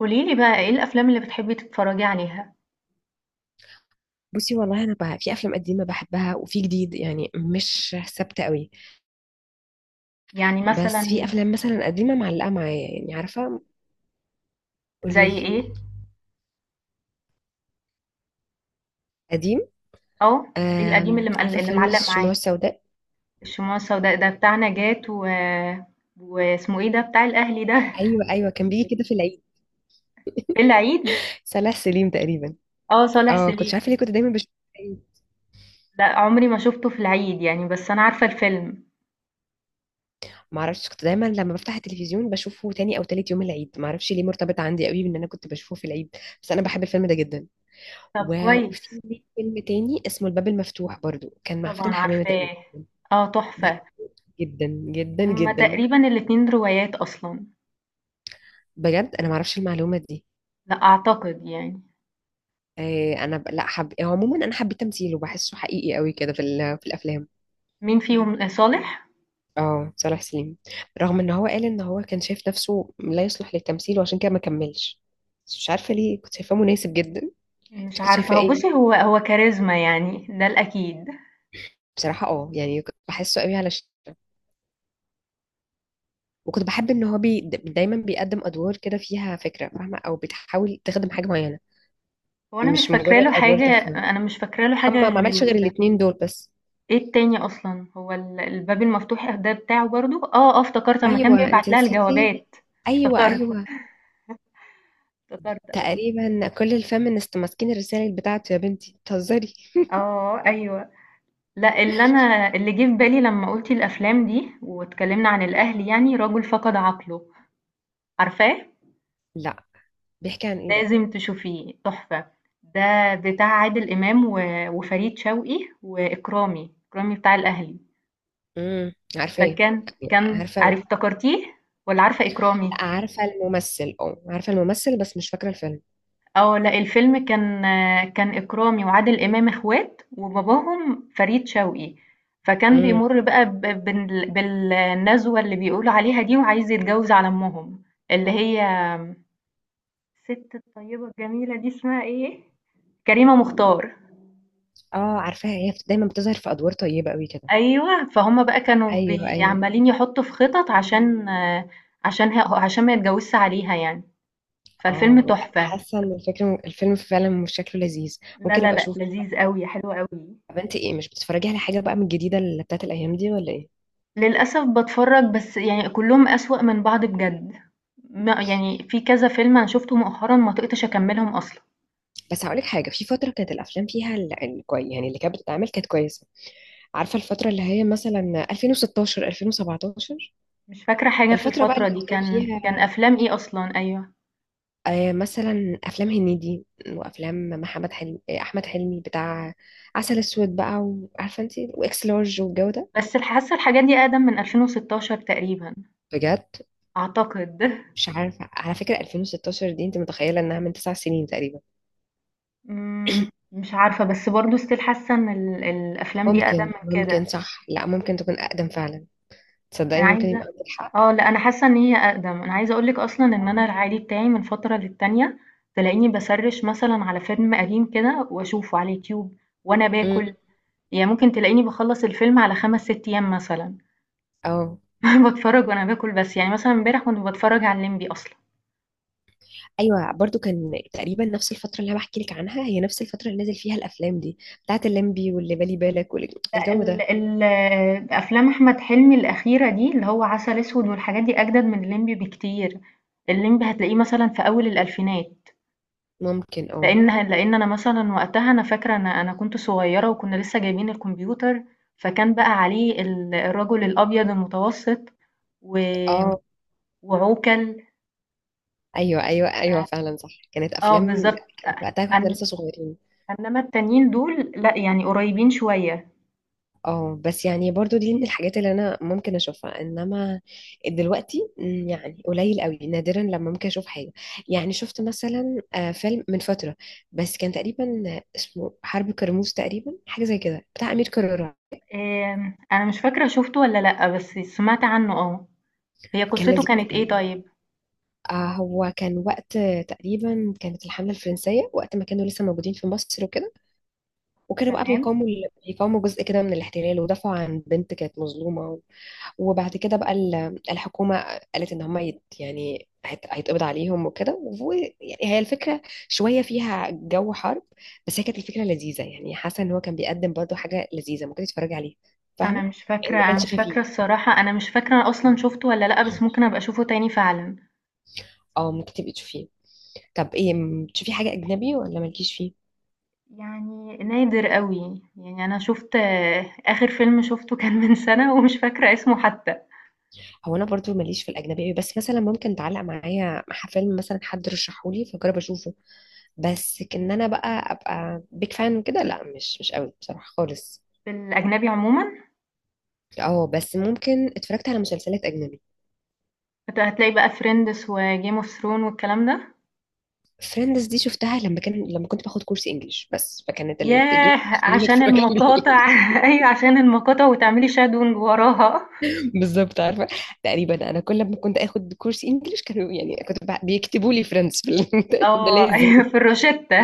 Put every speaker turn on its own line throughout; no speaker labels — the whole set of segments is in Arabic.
قولي لي بقى إيه الأفلام اللي بتحبي تتفرجي عليها؟
بصي، والله انا بقى في افلام قديمه بحبها وفي جديد. يعني مش ثابته قوي.
يعني
بس في
مثلًا
افلام مثلا قديمه معلقه معايا، يعني عارفه. قولي
زي
لي.
إيه؟
قديم.
آه، القديم اللي مقل
عارفه
اللي
فيلم
معلّق
الشموع
معاكِ،
السوداء.
الشموع السوداء ده بتاع نجاة واسمه إيه ده بتاع الأهلي ده
ايوه ايوه، كان بيجي كده في العيد.
في العيد؟
صلاح سليم تقريبا.
آه، صالح
اه كنت
سليم،
عارفه ليه كنت دايما بشوفه في العيد.
لأ عمري ما شُفته في العيد يعني بس أنا عارفة الفيلم.
معرفش، كنت دايما لما بفتح التلفزيون بشوفه تاني او تالت يوم العيد. معرفش ليه مرتبط عندي قوي بان انا كنت بشوفه في العيد. بس انا بحب الفيلم ده جدا.
طب
وفي
كويس،
ليه فيلم تاني اسمه الباب المفتوح، برضو كان مع
طبعًا
فاتن حمامه تقريبا.
عارفاه، آه تحفة.
جدا جدا
هُم
جدا.
تقريبًا الاتنين روايات أصلًا،
بجد انا ما اعرفش المعلومه دي.
لأ أعتقد يعني.
آه، انا لا حب، هو عموما انا حبيت تمثيله، بحسه حقيقي قوي كده في في الافلام.
مين فيهم صالح؟
اه صالح سليم. رغم ان هو قال ان هو كان شايف نفسه لا يصلح للتمثيل وعشان كده ما كملش. بس مش عارفه ليه كنت شايفاه مناسب جدا. انت
مش
كنت
عارفة
شايفاه
هو بُصّي،
ايه؟
هو كاريزما يعني ده الأكيد.
بصراحه اه، يعني كنت بحسه قوي على وكنت بحب ان هو دايما بيقدم ادوار كده فيها فكره فاهمه او بتحاول تخدم حاجه معينه.
هو أنا مش
مش
فاكرة
مجرد
له
ادوار
حاجة
تافهه.
أنا مش فاكرة له حاجة
هم ما
غير
عملش غير الاتنين دول بس.
إيه التاني أصلًا، هو الباب المفتوح ده بتاعه برضه؟ آه، آه افتكرت أمّا كان
ايوه انت
بيبعت لها
نسيتي.
الجوابات،
ايوه
افتكرت،
ايوه.
افتكرت أيوه.
تقريبا كل الفيمينست ماسكين الرسائل بتاعته. يا بنتي بتهزري.
آه، أيوه. لأ، اللي جه في بالي لمّا قُلتِ الأفلام دي واتكلمنا عن الأهل يعني، رجل فقد عقله، عارفاه؟
لا. بيحكي عن ايه ده؟
لازم تشوفيه، تحفة. ده بتاع عادل إمام وفريد شوقي وإكرامي، إكرامي بتاع الأهلي.
عارفاه.
فكان
عارفه
عارف
ال-
افتكرتيه والّا عارفة إكرامي؟
لا عارفه الممثل. اه عارفه الممثل بس مش فاكره الفيلم.
آه، لأ الفيلم كان إكرامي وعادل إمام إخوات وباباهم فريد شوقي، فكان
امم.
بيمُر بقى ب بال بالنزوة اللي بيقولوا عليها دي وعايز يتجوز على أمهم، اللي هي الست الطيبة الجميلة دي اسمها إيه؟ كريمة مختار.
اه عارفاها، هي دايما بتظهر في ادوار طيبه قوي كده.
أيوه، فهُم بقى كانوا
ايوه
بي
ايوه.
عمّالين يحطّوا في خطط عشان عشان ه عشان ما يتجوزش عليها يعني، فالفيلم
اه لا،
تحفة.
حاسه ان الفكره الفيلم فعلا مش شكله لذيذ.
لا
ممكن
لا
ابقى
لأ،
اشوف.
لذيذ أوي، حلو أوي.
طب انت ايه، مش بتتفرجي على حاجه بقى من الجديده اللي بتاعت الايام دي ولا ايه؟
للأسف باتفرّج بس يعني كلّهم أسوأ من بعض بجد. ما يعني في كذا فيلم أنا شُفته مؤخرًا ما طِقتش أكمّلهم أصلًا.
بس هقولك حاجه، في فتره كانت الافلام فيها يعني اللي كانت بتتعمل كانت كويسه. عارفة الفترة اللي هي مثلا 2016 2017.
مش فاكرة حاجة في
الفترة بقى
الفترة
اللي
دي،
كان
كان
فيها
كان أفلام إيه أصلًا؟ أيوه.
آه، مثلا أفلام هنيدي وأفلام محمد حلمي، آه، أحمد حلمي بتاع عسل أسود بقى، وعارفة أنت وإكس لارج والجو ده.
بس حاسّة الحاجات دي أقدم من 2016 تقريبًا
بجد
أعتقد.
مش عارفة، على فكرة 2016 دي أنت متخيلة إنها من 9 سنين تقريبا.
إمم، مش عارفة، بس برضه still حاسّة إن الأفلام دي أقدم
ممكن
من
ممكن
كده.
صح، لا ممكن تكون أقدم فعلا.
أنا
تصدقي ممكن
عايزة
يبقى عندك حق.
اه لا انا حاسه ان هي اقدم انا عايزه اقولك اصلا ان
اه.
انا العادي بتاعي من فتره للتانيه تلاقيني بسرش مثلا على فيلم قديم كده واشوفه على اليوتيوب وانا
أمم.
باكل يعني ممكن تلاقيني بخلص الفيلم على خمس ست ايام مثلا
اه.
بتفرج وانا باكل بس يعني مثلا امبارح كنت بتفرج على الليمبي اصلا
ايوه برضو كان تقريبا نفس الفتره اللي انا بحكي لك عنها، هي نفس الفتره اللي نزل فيها الافلام دي بتاعت الليمبي واللي بالي بالك
لا
والجو
ال
ده.
ال افلام احمد حلمي الاخيره دي اللي هو عسل اسود والحاجات دي اجدد من الليمبي بكتير الليمبي هتلاقيه مثلا في اول الالفينات
ممكن اه.
لإن أنا مثلًا وقتها أنا فاكرة أنا كنت صغيرة وكنا لسه جايبين الكمبيوتر، فكان بقى عليه الرجل الأبيض المتوسط و
اه.
وعوكل
ايوه ايوه ايوه
ف
فعلا صح، كانت
آه
افلام.
بالضبط
كانت وقتها واحنا
أن
لسه صغيرين.
إنما التانيين دول لأ، يعني قريبين شوية.
اه بس يعني برضو دي من الحاجات اللي انا ممكن اشوفها. انما دلوقتي مم، يعني قليل قوي، نادرا لما ممكن اشوف حاجه. يعني شفت مثلا آه، فيلم من فتره، بس كان تقريبا اسمه حرب كرموز تقريبا، حاجه زي كده بتاع امير كرارة.
آمم، أنا مش فاكرة شُفته والّا لأ، بس سمعت عنه آه. هي
كان
قصته
لذيذ
كانت إيه
يعني.
طيب؟
آه هو كان وقت، تقريبا كانت الحملة الفرنسية وقت ما كانوا لسه موجودين في مصر وكده. وكانوا بقى
تمام.
بيقاوموا جزء كده من الاحتلال، ودافعوا عن بنت كانت مظلومة وبعد كده بقى الحكومة قالت ان هم يعني هيتقبض عليهم وكده. ويعني هي الفكرة شوية فيها جو حرب. بس هي كانت الفكرة لذيذة، يعني حاسة ان هو كان بيقدم برضه حاجة لذيذة ممكن تتفرجي عليها.
أنا
فاهمة؟
مش
يعني
فاكرة
ما
أنا مش
كانش
فاكرة
خفيف.
الصراحة، أنا مش فاكرة أصلًا شُفته والّا لأ، بس ممكن أبقى أشوفه تاني فعلًا.
اه ممكن تبقي تشوفيه. طب ايه تشوفي حاجة أجنبي ولا مالكيش فيه؟
يعني نادر أوي، يعني أنا شُفت آخر فيلم شُفته كان من سَنة ومش فاكرة اسمه حتى.
هو انا برضو ماليش في الاجنبي أوي، بس مثلا ممكن تعلق معايا مع فيلم مثلا حد رشحهولي فجرب اشوفه. بس كان انا بقى ابقى بيك فان وكده، لا مش قوي بصراحه خالص.
في الأجنبي عمومًا
اه بس ممكن اتفرجت على مسلسلات اجنبي.
هتلاقي بقى Friends وGame of Thrones والكلام ده،
فريندز دي شفتها لما كان لما كنت باخد كورس انجليش، بس فكانت اللي بتديوني
ياه!
تخليني
عشان
اتفرج عليه.
المقاطع أيوه عشان المقاطع وتعملي shadowing وراها
بالظبط عارفه. تقريبا انا كل ما كنت اخد كورس انجليش كانوا، يعني كنت بيكتبوا لي فريندز في ده
آه،
لازم.
أيوه في الروشتة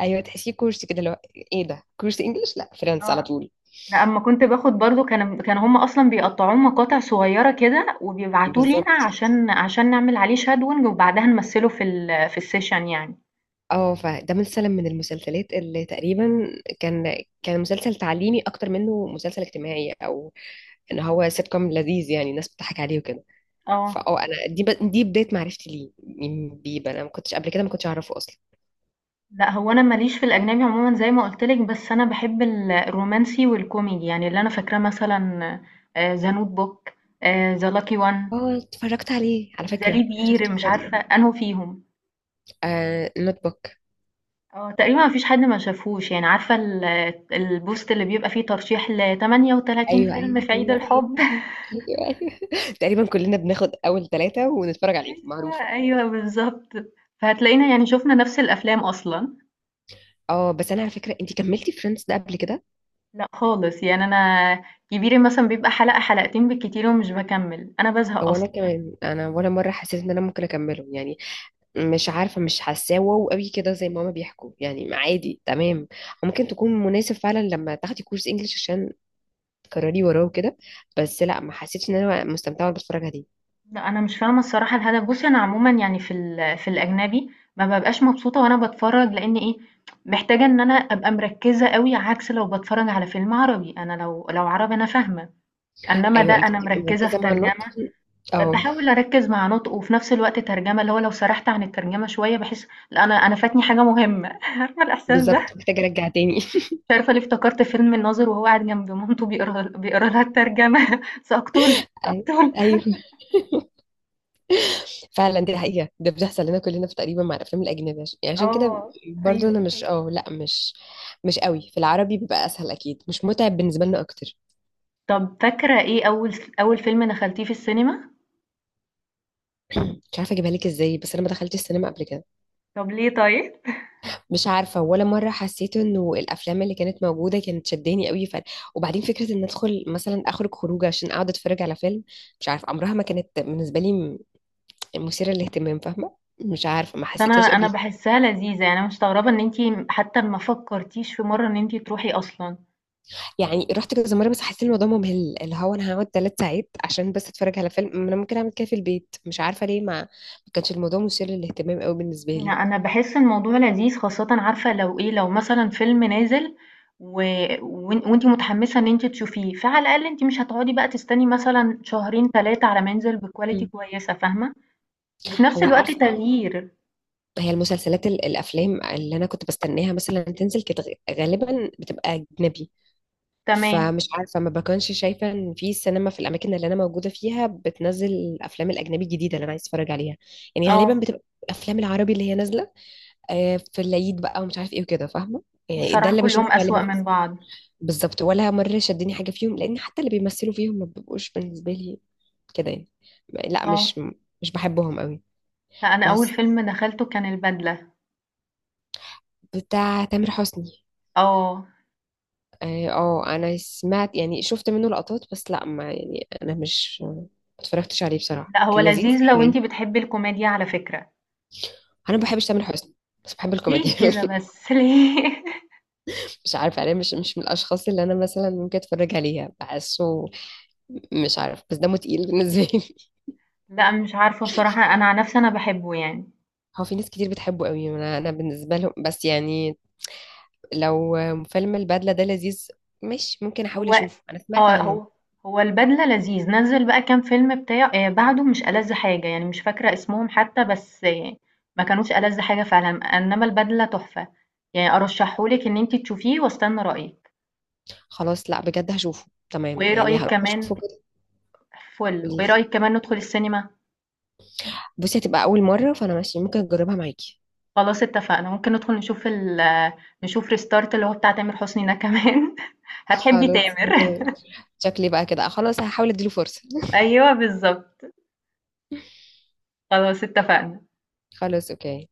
ايوه، تحسيه كورس كده اللي هو، ايه ده كورس انجليش لا فريندز على
آه،
طول.
لأ أمّا كنت باخد برضه كانوا هُم أصلًا بيقطّعوه مقاطع صغيّرة كده وبيبعتوه لينا
بالظبط.
عشان نعمل عليه shadowing وبعدها نمثّله في ال في الsession يعني،
اه فده مثلا من المسلسلات اللي تقريبا كان كان مسلسل تعليمي اكتر منه مسلسل اجتماعي، او ان هو سيت كوم لذيذ يعني الناس بتضحك عليه وكده.
آه.
فاه انا دي دي بدايه معرفتي ليه. مين بيب انا ما كنتش قبل كده ما كنتش اعرفه اصلا.
لأ، هو أنا ماليش في الأجنبي عمومًا زي ما قُلت لِك، بس أنا باحب الرومانسي والكوميدي، يعني اللي أنا فاكراه مثلًا The notebook The lucky one
اه اتفرجت عليه على
The
فكره،
leap year
شفته في
مش
فتره.
عارفة أنهُ فيهم.
آه نوت بوك.
آه، تقريبًا ما فيش حد ما شافهوش، يعني عارفة البوست اللي بيبقى فيه ترشيح ل38
ايوه ايوه
فيلم في عيد
ايوه ايوه,
الحب
أيوة. تقريبا كلنا بناخد اول ثلاثه ونتفرج عليه،
أيوه،
معروفه.
أيوه بالضبط. فهتلاقينا يعني شُفنا نفس الأفلام أصلًا.
اه بس انا على فكره، انت كملتي فريندز ده قبل كده؟
لأ خالص، يعني أنا كبيري مثلًا بيبقى حلقة، حلقتين بالكتير ومش باكمّل، أنا بازهق
وانا
أصلًا.
كمان، انا ولا مره حسيت ان انا ممكن اكمله يعني. مش عارفه، مش حاساه واو قوي كده زي ما هما بيحكوا، يعني عادي تمام. ممكن تكون مناسب فعلا لما تاخدي كورس انجليش عشان تكرري وراه وكده. بس لا، ما حسيتش ان انا مستمتعه وانا بتفرج عليه.
لأ، أنا مش فاهمة الصراحة الهدف. بُصّي، أنا عمومًا يعني في ال في الأجنبي ما بابقاش مبسوطة وأنا باتفرّج، لإن إيه، محتاجة إن أنا أبقى مركّزة أوي، عكس لو باتفرّج على فيلم عربي. أنا لو عربي أنا فاهمة، إنّما ده
ايوه انت
أنا
بتبقي
مركّزة في
مركزه مع النطق.
ترجمة،
اه
باحاول أركّز مع نُطقه وفي نفس الوقت ترجمة، اللي هو لو سرحت عن الترجمة شوية باحس لأ، أنا فاتني حاجة مهمة، عارفة الإحساس ده؟
بالظبط. محتاجه ارجع تاني.
مش عارفة ليه افتكرت فيلم الناظر وهو قاعد جنب مامته بيقرا لها الترجمة سأقتلك،
أي-
سأقتلك.
ايوه فعلا، دي حقيقه، ده بيحصل لنا كلنا في تقريبا مع الافلام الاجنبيه عشان يعني عشان كده.
آه،
برضو انا
أيوه.
مش اه لا مش قوي. في العربي بيبقى اسهل اكيد، مش متعب بالنسبه لنا اكتر.
طب فاكرة إيه أول فيلم دخلتيه في السينما؟
مش عارفه اجيبها لك ازاي، بس انا ما دخلتش السينما قبل كده.
طب ليه طيب؟
مش عارفه، ولا مره حسيت انه الافلام اللي كانت موجوده كانت شداني قوي وبعدين فكره ان ادخل مثلا اخرج خروجه عشان اقعد اتفرج على فيلم، مش عارفه عمرها ما كانت بالنسبه لي مثيره للاهتمام. فاهمه، مش عارفه ما
أنا
حسيتهاش
أنا
قبل كده.
باحسها لذيذة يعني أنا مستغربة إن أنتِ حتى ما فكرتيش في مرة إن أنتِ تروحي أصلًا.
يعني رحت كذا مره، بس حسيت إن الموضوع ممل، اللي هو انا هقعد 3 ساعات عشان بس اتفرج على فيلم، ما انا ممكن اعمل كده في البيت. مش عارفه ليه ما كانش الموضوع مثير للاهتمام قوي بالنسبه
لأ،
لي.
أنا باحس الموضوع لذيذ خاصةً عارفة لو إيه، لو مثلًا فيلم نازل و وأنتِ متحمسة إن أنتِ تشوفيه، فعلى الأقل أنتِ مش هتقعدي بقى تستني مثلًا شهرين 3 على ما ينزل بquality
مم.
كويسة فاهمة؟ وفي نفس
هو
الوقت
عارفه،
تغيير.
هي المسلسلات الافلام اللي انا كنت بستناها مثلا تنزل، كانت غالبا بتبقى اجنبي.
تمام.
فمش عارفه ما بكونش شايفه ان في سينما في الاماكن اللي انا موجوده فيها بتنزل الافلام الاجنبي الجديده اللي انا عايز اتفرج عليها. يعني غالبا
آه.
بتبقى الافلام العربي اللي هي نازله، آه، في العيد بقى ومش عارف ايه وكده، فاهمه. يعني ده
الصراحة
اللي
كلّهم
بشوفه
أسوأ
غالبا.
من بعض.
بالظبط، ولا مره شدني حاجه فيهم لان حتى اللي بيمثلوا فيهم ما بيبقوش بالنسبه لي كده يعني. لا
آه.
مش بحبهم قوي.
لأ، أنا أول
بس.
فيلم دخلته كان البدلة.
بتاع تامر حسني.
آه،
اه آه، انا سمعت يعني شفت منه لقطات، بس لا ما يعني انا مش ما اتفرجتش عليه. بصراحة
لأ هو
كان
لذيذ
لذيذ ولا
لو أنتِ
ايه؟
بتحبي الكوميديا على فكرة،
انا ما بحبش تامر حسني، بس بحب
ليه
الكوميديا.
كده بس ليه؟
مش عارفة، انا مش من الاشخاص اللي انا مثلا ممكن اتفرج عليها بحسه. مش عارف، بس دمه تقيل بالنسبة لي.
لأ مش عارفة الصراحة أنا عن نفسي أنا باحبه يعني،
هو في ناس كتير بتحبه قوي، انا بالنسبة لهم، بس يعني. لو فيلم البدلة ده لذيذ، مش ممكن احاول
هو
اشوفه، انا سمعت
آه
عنه.
هو هو البدلة لذيذ، نزّل بقى كام فيلم بتاع بعده مش ألذ حاجة، يعني مش فاكرة اسمهم حتى بس آه ما كانوش ألذ حاجة فعلًا، إنما البدلة تحفة، يعني أرشحه لِك إن أنتِ تشوفيه واستنى رأيِك،
خلاص لا، بجد هشوفه، تمام
وإيه
يعني،
رأيِك
هروح
كمان
اشوفه كده.
فُل، وإيه
قوليلي.
رأيِك كمان ندخل السينما؟
بصي هتبقى اول مرة، فانا ماشي، ممكن اجربها معاكي.
خلاص اتفقنا ممكن ندخل نشوف نشوف ريستارت اللي هو بتاع تامر حسني ده كمان هتحبي
خلاص
تامر
اوكي. شكلي بقى كده خلاص، هحاول اديله فرصة.
ايوه بالظبط خلاص اتفقنا
خلاص اوكي